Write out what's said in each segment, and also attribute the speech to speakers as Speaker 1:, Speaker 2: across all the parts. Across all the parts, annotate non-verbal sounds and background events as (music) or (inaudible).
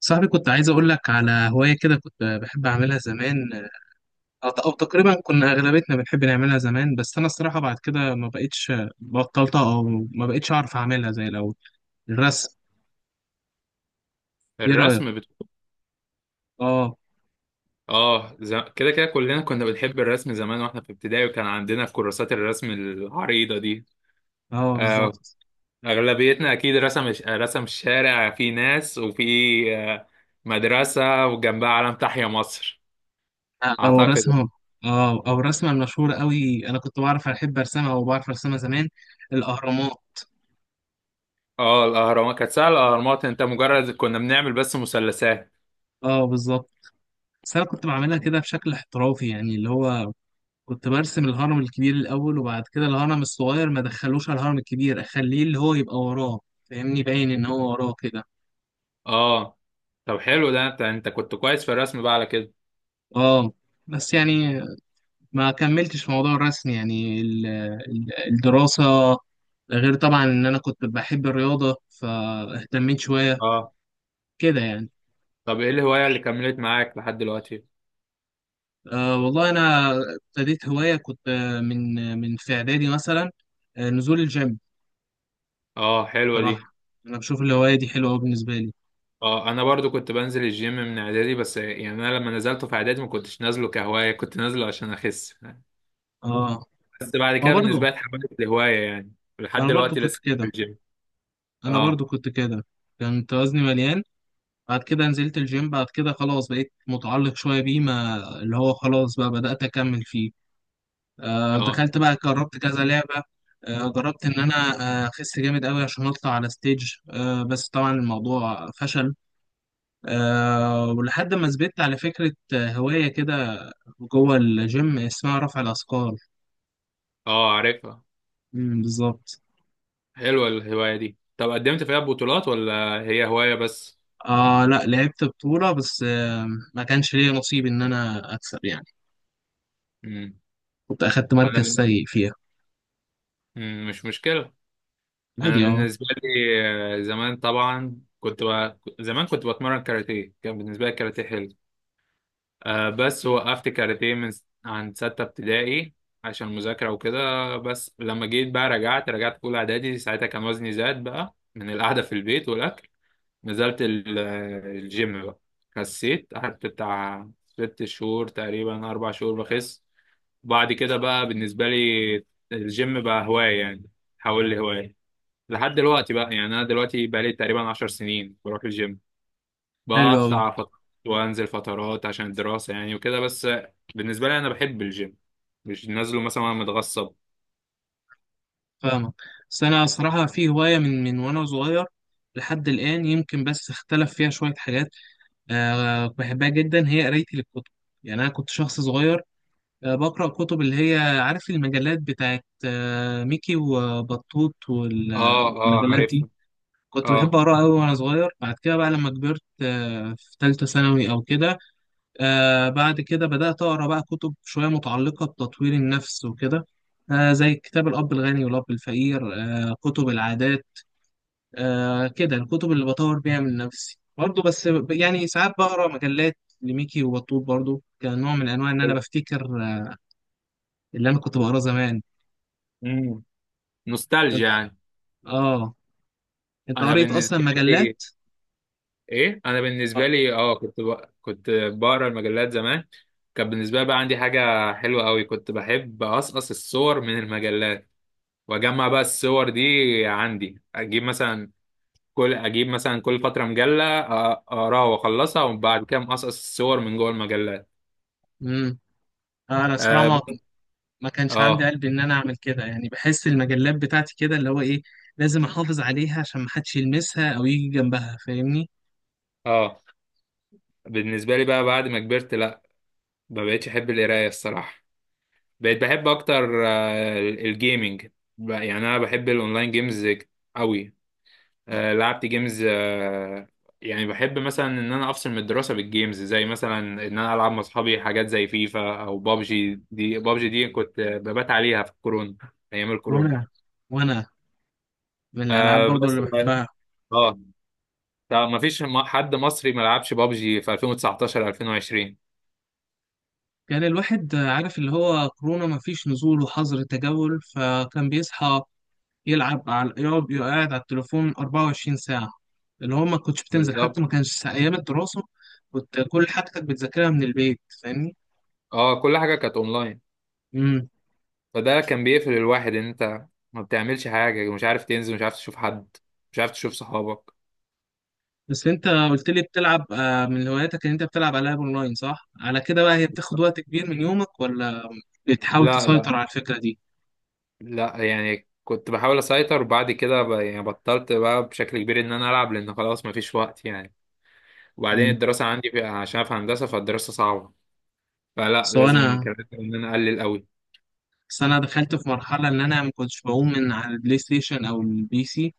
Speaker 1: صاحبي، كنت عايز اقول لك على هواية كده كنت بحب اعملها زمان. او تقريبا كنا اغلبيتنا بنحب نعملها زمان. بس انا الصراحة بعد كده ما بقتش، بطلتها، او ما بقتش اعرف اعملها زي الاول. الرسم. ايه رأيك؟
Speaker 2: الرسم بت...
Speaker 1: اه.
Speaker 2: كده كده كلنا كنا بنحب الرسم زمان واحنا في ابتدائي، وكان عندنا كراسات الرسم العريضة دي.
Speaker 1: اه،
Speaker 2: آه،
Speaker 1: بالظبط.
Speaker 2: اغلبيتنا اكيد رسم الشارع، في ناس وفي آه مدرسة وجنبها علم تحيا مصر،
Speaker 1: او
Speaker 2: اعتقد يعني.
Speaker 1: الرسمة. اه، او الرسمة المشهورة قوي، انا كنت بعرف ارسمها زمان. الاهرامات.
Speaker 2: اه، الاهرامات كانت سهلة. الاهرامات انت مجرد كنا بنعمل بس مثلثات.
Speaker 1: اه، بالظبط. بس انا كنت بعملها كده بشكل احترافي، يعني اللي هو كنت برسم الهرم الكبير الأول، وبعد كده الهرم الصغير ما دخلوش على الهرم الكبير، أخليه اللي هو يبقى وراه، فاهمني؟ باين إن هو وراه كده.
Speaker 2: اه، طب حلو ده، انت كنت كويس في الرسم بقى على كده.
Speaker 1: اه، بس يعني ما كملتش في موضوع الرسم، يعني الدراسة. ده غير طبعا إن أنا كنت بحب الرياضة، فاهتميت شوية
Speaker 2: اه،
Speaker 1: كده يعني.
Speaker 2: طب ايه الهواية اللي كملت معاك لحد دلوقتي؟
Speaker 1: أه، والله أنا ابتديت هواية كنت، من في إعدادي مثلا، نزول الجيم.
Speaker 2: اه، حلوة دي.
Speaker 1: بصراحة أنا بشوف الهواية دي حلوة أوي بالنسبة لي.
Speaker 2: اه، انا برضو كنت بنزل الجيم من اعدادي، بس يعني انا لما نزلته في اعدادي ما كنتش نازله كهوايه، كنت نازله عشان اخس.
Speaker 1: اه،
Speaker 2: بس بعد
Speaker 1: ما
Speaker 2: كده
Speaker 1: برضه
Speaker 2: بالنسبه لي اتحولت لهوايه يعني، لحد
Speaker 1: أنا برضه
Speaker 2: دلوقتي
Speaker 1: كنت
Speaker 2: لسه في
Speaker 1: كده.
Speaker 2: الجيم.
Speaker 1: انا
Speaker 2: اه
Speaker 1: برضو كنت كده كنت وزني مليان، بعد كده نزلت الجيم، بعد كده خلاص بقيت متعلق شوية بيه، ما اللي هو خلاص بقى بدأت أكمل فيه.
Speaker 2: اه،
Speaker 1: دخلت بقى، جربت كذا لعبة. جربت إن أنا، أخس جامد أوي عشان أطلع على ستيج، بس طبعا الموضوع فشل. ولحد ما ثبت على فكرة، هواية كده جوه الجيم اسمها رفع الأثقال.
Speaker 2: اه عارفها.
Speaker 1: مم، بالظبط.
Speaker 2: حلوه الهوايه دي، طب قدمت فيها بطولات ولا هي هوايه بس؟
Speaker 1: لا، لعبت بطولة بس، ما كانش ليا نصيب إن أنا أكسب يعني.
Speaker 2: امم،
Speaker 1: كنت أخدت
Speaker 2: انا
Speaker 1: مركز
Speaker 2: بن-
Speaker 1: سيء فيها.
Speaker 2: مم. مش مشكله. انا
Speaker 1: عادي، أه.
Speaker 2: بالنسبه لي زمان طبعا زمان كنت بتمرن كاراتيه، كان بالنسبه لي الكاراتيه حلو. آه بس وقفت كاراتيه عند ستة ابتدائي، عشان مذاكرة وكده. بس لما جيت بقى رجعت في أولى إعدادي، ساعتها كان وزني زاد بقى من القعدة في البيت والأكل. نزلت ال- الجيم بقى، خسيت، قعدت بتاع 6 شهور تقريبا، 4 شهور بخس. بعد كده بقى بالنسبة لي الجيم بقى هواية يعني، حول لي هواية. لحد دلوقتي بقى يعني، أنا دلوقتي بقى لي تقريبا 10 سنين بروح الجيم،
Speaker 1: حلو أوي.
Speaker 2: بقطع فترات وانزل فترات عشان الدراسة يعني وكده بس. بالنسبة لي انا بحب الجيم، مش نازله مثلا وانا متغصب.
Speaker 1: فاهمك. بس أنا صراحة في هواية من وأنا صغير لحد الآن، يمكن بس اختلف فيها شوية حاجات. أه، بحبها جدا، هي قرايتي للكتب. يعني أنا كنت شخص صغير، بقرأ كتب، اللي هي عارف، المجلات بتاعت، أه، ميكي وبطوط،
Speaker 2: اه، اه
Speaker 1: والمجلات
Speaker 2: عارف.
Speaker 1: دي. كنت بحب
Speaker 2: اه،
Speaker 1: أقرأ أوي وأنا صغير. بعد كده بقى لما كبرت، أه، في تالتة ثانوي أو كده، بعد كده بدأت أقرأ بقى كتب شوية متعلقة بتطوير النفس وكده، زي كتاب الأب الغني والأب الفقير، كتب العادات، كده الكتب اللي بطور بيها من نفسي برضه. بس يعني ساعات بقرأ مجلات لميكي وبطوط برضه، كنوع من أنواع إن أنا
Speaker 2: أيوة.
Speaker 1: بفتكر، آه، اللي أنا كنت بقراه زمان.
Speaker 2: امم،
Speaker 1: أنت-
Speaker 2: نوستالجيا يعني.
Speaker 1: آه، أنت
Speaker 2: انا
Speaker 1: قريت أصلا
Speaker 2: بالنسبة لي
Speaker 1: مجلات؟
Speaker 2: ايه، انا بالنسبة
Speaker 1: آه.
Speaker 2: لي اه كنت بقرا المجلات زمان. كان بالنسبة لي بقى عندي حاجة حلوة قوي، كنت بحب أقصقص الصور من المجلات وأجمع بقى الصور دي عندي. أجيب مثلا كل، اجيب مثلا كل فتره مجله، اقراها واخلصها، وبعد كده مقصقص الصور من جوه المجلات.
Speaker 1: مم. أنا الصراحة ما
Speaker 2: اه.
Speaker 1: ما كانش عندي
Speaker 2: اه.
Speaker 1: قلب ان انا اعمل كده، يعني بحس المجلات بتاعتي كده اللي هو ايه، لازم احافظ عليها عشان ما حدش يلمسها او يجي جنبها، فاهمني.
Speaker 2: آه. بالنسبه لي بقى بعد ما كبرت لا، ما بقتش احب القرايه الصراحه. بقيت بحب اكتر الجيمنج. يعني انا بحب الاونلاين جيمز قوي. لعبت جيمز، يعني بحب مثلا ان انا افصل من الدراسه بالجيمز، زي مثلا ان انا العب مع اصحابي حاجات زي فيفا او بابجي. دي بابجي دي كنت ببات عليها في الكورونا، ايام الكورونا.
Speaker 1: وانا وانا من الالعاب
Speaker 2: آه
Speaker 1: برضو
Speaker 2: بس.
Speaker 1: اللي بحبها.
Speaker 2: اه، طب ما فيش حد مصري ما لعبش بابجي في 2019 2020.
Speaker 1: كان الواحد عارف اللي هو كورونا ما فيش نزول وحظر تجول، فكان بيصحى يلعب، على يقعد على التليفون 24 ساعة. اللي هو ما كنتش بتنزل، حتى
Speaker 2: بالظبط.
Speaker 1: ما كانش ايام الدراسة، كنت كل حاجتك بتذاكرها من البيت، فاهمني.
Speaker 2: اه، كل حاجه كانت اونلاين.
Speaker 1: امم.
Speaker 2: فده كان بيقفل الواحد، ان انت ما بتعملش حاجه، مش عارف تنزل، مش عارف تشوف حد، مش عارف تشوف صحابك.
Speaker 1: بس انت قلت لي بتلعب، من هواياتك ان انت بتلعب العاب اونلاين، صح؟ على كده بقى، هي بتاخد وقت كبير من يومك، ولا بتحاول
Speaker 2: لا لا
Speaker 1: تسيطر على الفكرة دي؟
Speaker 2: لا، يعني كنت بحاول اسيطر، وبعد كده يعني بطلت بقى بشكل كبير ان انا العب، لان خلاص ما فيش وقت يعني. وبعدين
Speaker 1: مم.
Speaker 2: الدراسه عندي عشان في هندسه، فالدراسه صعبه. فلا،
Speaker 1: سو انا
Speaker 2: لازم، كان لازم ان انا اقلل قوي.
Speaker 1: بس انا دخلت في مرحلة ان انا ما كنتش بقوم من على البلاي ستيشن او البي سي.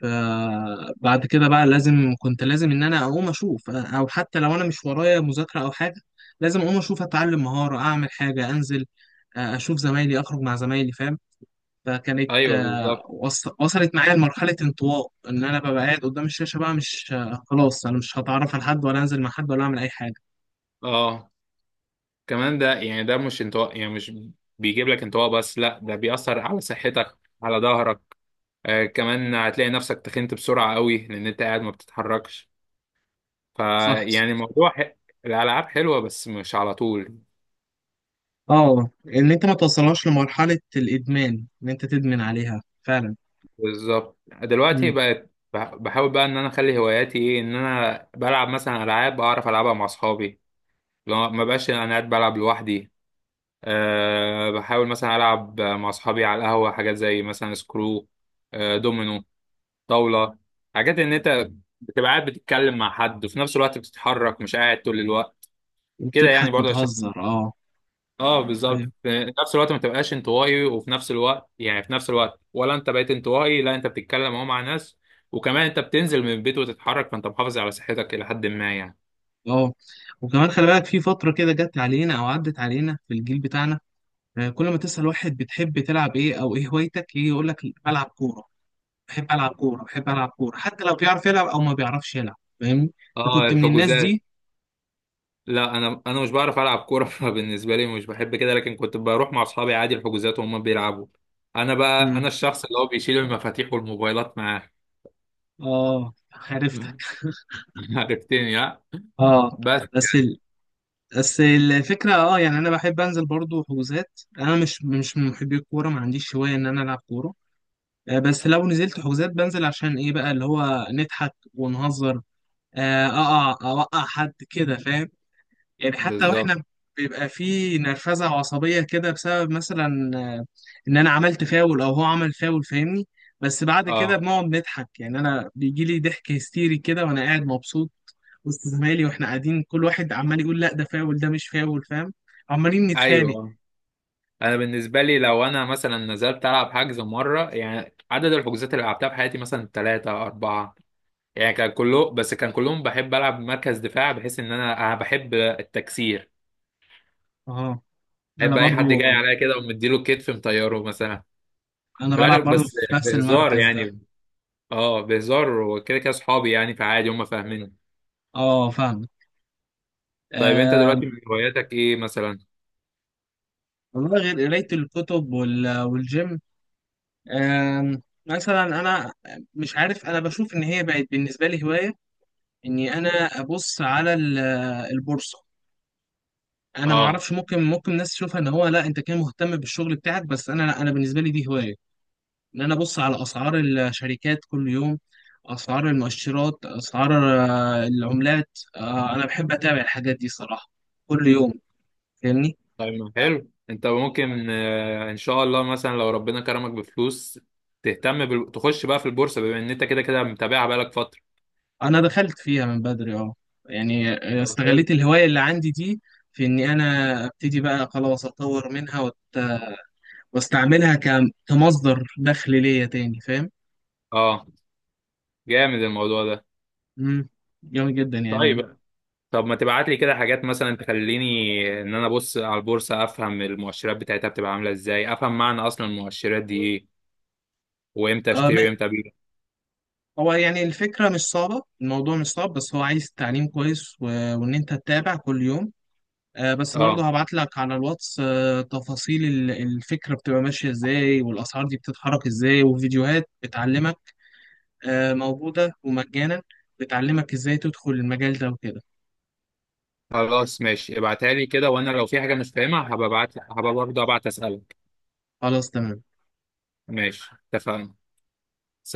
Speaker 1: فبعد كده بقى لازم، كنت لازم ان انا اقوم اشوف، او حتى لو انا مش ورايا مذاكرة او حاجة، لازم اقوم اشوف، اتعلم مهارة، اعمل حاجة، انزل، اشوف زمايلي، اخرج مع زمايلي، فاهم؟ فكانت،
Speaker 2: ايوه بالظبط.
Speaker 1: وصلت معايا لمرحلة انطواء، إن أنا ببقى قاعد قدام الشاشة بقى، مش، خلاص أنا مش هتعرف على حد، ولا أنزل مع حد، ولا أعمل أي حاجة.
Speaker 2: اه، كمان ده يعني ده مش انطواء، يعني مش بيجيب لك انطواء بس، لا ده بيأثر على صحتك، على ظهرك. آه، كمان هتلاقي نفسك تخنت بسرعة قوي لأن أنت قاعد ما بتتحركش.
Speaker 1: صح، صح.
Speaker 2: فيعني الموضوع ح... الألعاب حلوة بس مش على طول.
Speaker 1: اه، إن أنت ما توصلهاش لمرحلة الإدمان، إن أنت تدمن عليها فعلا.
Speaker 2: بالظبط، دلوقتي
Speaker 1: مم.
Speaker 2: بقت بحاول بقى إن أنا أخلي هواياتي إيه، إن أنا بلعب مثلا ألعاب أعرف ألعبها مع أصحابي، لو ما بقاش أنا قاعد بلعب لوحدي. أه، بحاول مثلا ألعب مع أصحابي على القهوة، حاجات زي مثلا سكرو، دومينو، طاولة. حاجات ان انت بتبقى قاعد بتتكلم مع حد وفي نفس الوقت بتتحرك، مش قاعد طول الوقت، كده يعني
Speaker 1: وبتضحك
Speaker 2: برضه عشان،
Speaker 1: وتهزر، اه.
Speaker 2: اه بالظبط،
Speaker 1: أيوه.
Speaker 2: في نفس الوقت ما تبقاش انطوائي، وفي نفس الوقت يعني في نفس الوقت، ولا انت بقيت انطوائي، لا انت بتتكلم اهو مع ناس، وكمان انت بتنزل من البيت وتتحرك، فانت محافظ على صحتك الى حد ما يعني.
Speaker 1: اه، وكمان خلي بالك، في فترة كده جت علينا أو عدت علينا في الجيل بتاعنا، كل ما تسأل واحد بتحب تلعب إيه أو إيه هوايتك، يجي يقول لك بلعب كورة. بحب العب كوره، بحب العب كوره، حتى لو بيعرف يلعب او ما بيعرفش يلعب، فاهمني.
Speaker 2: اه،
Speaker 1: كنت من الناس
Speaker 2: الحجوزات.
Speaker 1: دي.
Speaker 2: لا، انا مش بعرف العب كوره (laughs) فبالنسبه لي مش بحب كده، لكن كنت بروح مع اصحابي عادي الحجوزات وهم بيلعبوا. انا بقى،
Speaker 1: مم.
Speaker 2: انا الشخص اللي هو بيشيل المفاتيح والموبايلات معاه.
Speaker 1: اه، عرفتك.
Speaker 2: (laughs) (laughs) عرفتني ها.
Speaker 1: اه،
Speaker 2: بس.
Speaker 1: بس ال... بس الفكره، اه، يعني انا بحب انزل برضو حجوزات، انا مش من محبي الكوره، ما عنديش هوايه ان انا العب كوره. آه، بس لو نزلت حجوزات، بنزل عشان ايه بقى؟ اللي هو نضحك ونهزر، آه، اوقع حد كده، فاهم؟ يعني حتى
Speaker 2: بالظبط.
Speaker 1: واحنا بيبقى في نرفزه وعصبيه كده، بسبب مثلا، ان انا عملت فاول، او هو عمل فاول، فاهمني. بس بعد كده
Speaker 2: اه.
Speaker 1: بنقعد نضحك، يعني انا بيجي لي ضحك هستيري كده وانا قاعد مبسوط وسط زمايلي، واحنا قاعدين كل واحد عمال يقول لا ده فاول، ده مش فاول، فاهم؟ عمالين نتخانق.
Speaker 2: ايوه، انا بالنسبه لي لو انا مثلا نزلت العب حجز مره يعني، عدد الحجوزات اللي لعبتها في حياتي مثلا ثلاثه اربعه يعني، كان كله، بس كان كلهم بحب العب مركز دفاع، بحيث ان انا، انا بحب التكسير.
Speaker 1: اه، انا
Speaker 2: بحب اي
Speaker 1: برضو
Speaker 2: حد جاي عليا كده ومديله كتف مطيره مثلا.
Speaker 1: انا
Speaker 2: في الاخر
Speaker 1: بلعب برضو
Speaker 2: بس
Speaker 1: في نفس
Speaker 2: بهزار
Speaker 1: المركز ده.
Speaker 2: يعني. اه بهزار، وكده كده اصحابي يعني، فعادي هم فاهمين.
Speaker 1: اه، فاهم.
Speaker 2: طيب، انت
Speaker 1: آه،
Speaker 2: دلوقتي من هواياتك ايه مثلا؟
Speaker 1: والله غير قراية الكتب والجيم. مثلا انا مش عارف، انا بشوف ان هي بقت بالنسبه لي هوايه، اني انا ابص على البورصه. انا ما
Speaker 2: اه.
Speaker 1: اعرفش، ممكن ناس تشوفها ان هو لا انت كان مهتم بالشغل بتاعك، بس انا لا، انا بالنسبه لي دي هوايه، ان انا ابص على اسعار الشركات كل يوم، اسعار المؤشرات، اسعار، العملات. انا بحب اتابع الحاجات دي صراحه كل يوم، فاهمني.
Speaker 2: طيب ما حلو، انت ممكن ان شاء الله مثلا لو ربنا كرمك بفلوس، تخش بقى في البورصه، بما ان انت كده كده متابعها بقالك فتره.
Speaker 1: انا دخلت فيها من بدري، اه، يعني
Speaker 2: طب حلو.
Speaker 1: استغليت الهوايه اللي عندي دي، في اني انا ابتدي بقى خلاص اطور منها، واستعملها، كمصدر دخل ليا تاني، فاهم؟
Speaker 2: اه، جامد الموضوع ده.
Speaker 1: امم. جامد جدا يعني.
Speaker 2: طيب. طب ما تبعت لي كده حاجات مثلا تخليني ان انا ابص على البورصه، افهم المؤشرات بتاعتها بتبقى عامله ازاي، افهم معنى اصلا المؤشرات دي ايه، وامتى
Speaker 1: آه، ما
Speaker 2: اشتري وامتى ابيع.
Speaker 1: هو يعني الفكره مش صعبه، الموضوع مش صعب، بس هو عايز تعليم كويس، وان انت تتابع كل يوم. آه، بس
Speaker 2: اه،
Speaker 1: برضه هبعت لك على الواتس، آه، تفاصيل الفكره بتبقى ماشيه ازاي، والاسعار دي بتتحرك ازاي، وفيديوهات بتعلمك، موجودة ومجانا، بتعلمك ازاي تدخل المجال ده وكده.
Speaker 2: خلاص ماشي. ابعتها لي كده، وانا لو في حاجه مش فاهمها هبقى ابعت، هبقى برضه ابعت اسالك.
Speaker 1: خلاص، تمام.
Speaker 2: ماشي اتفقنا.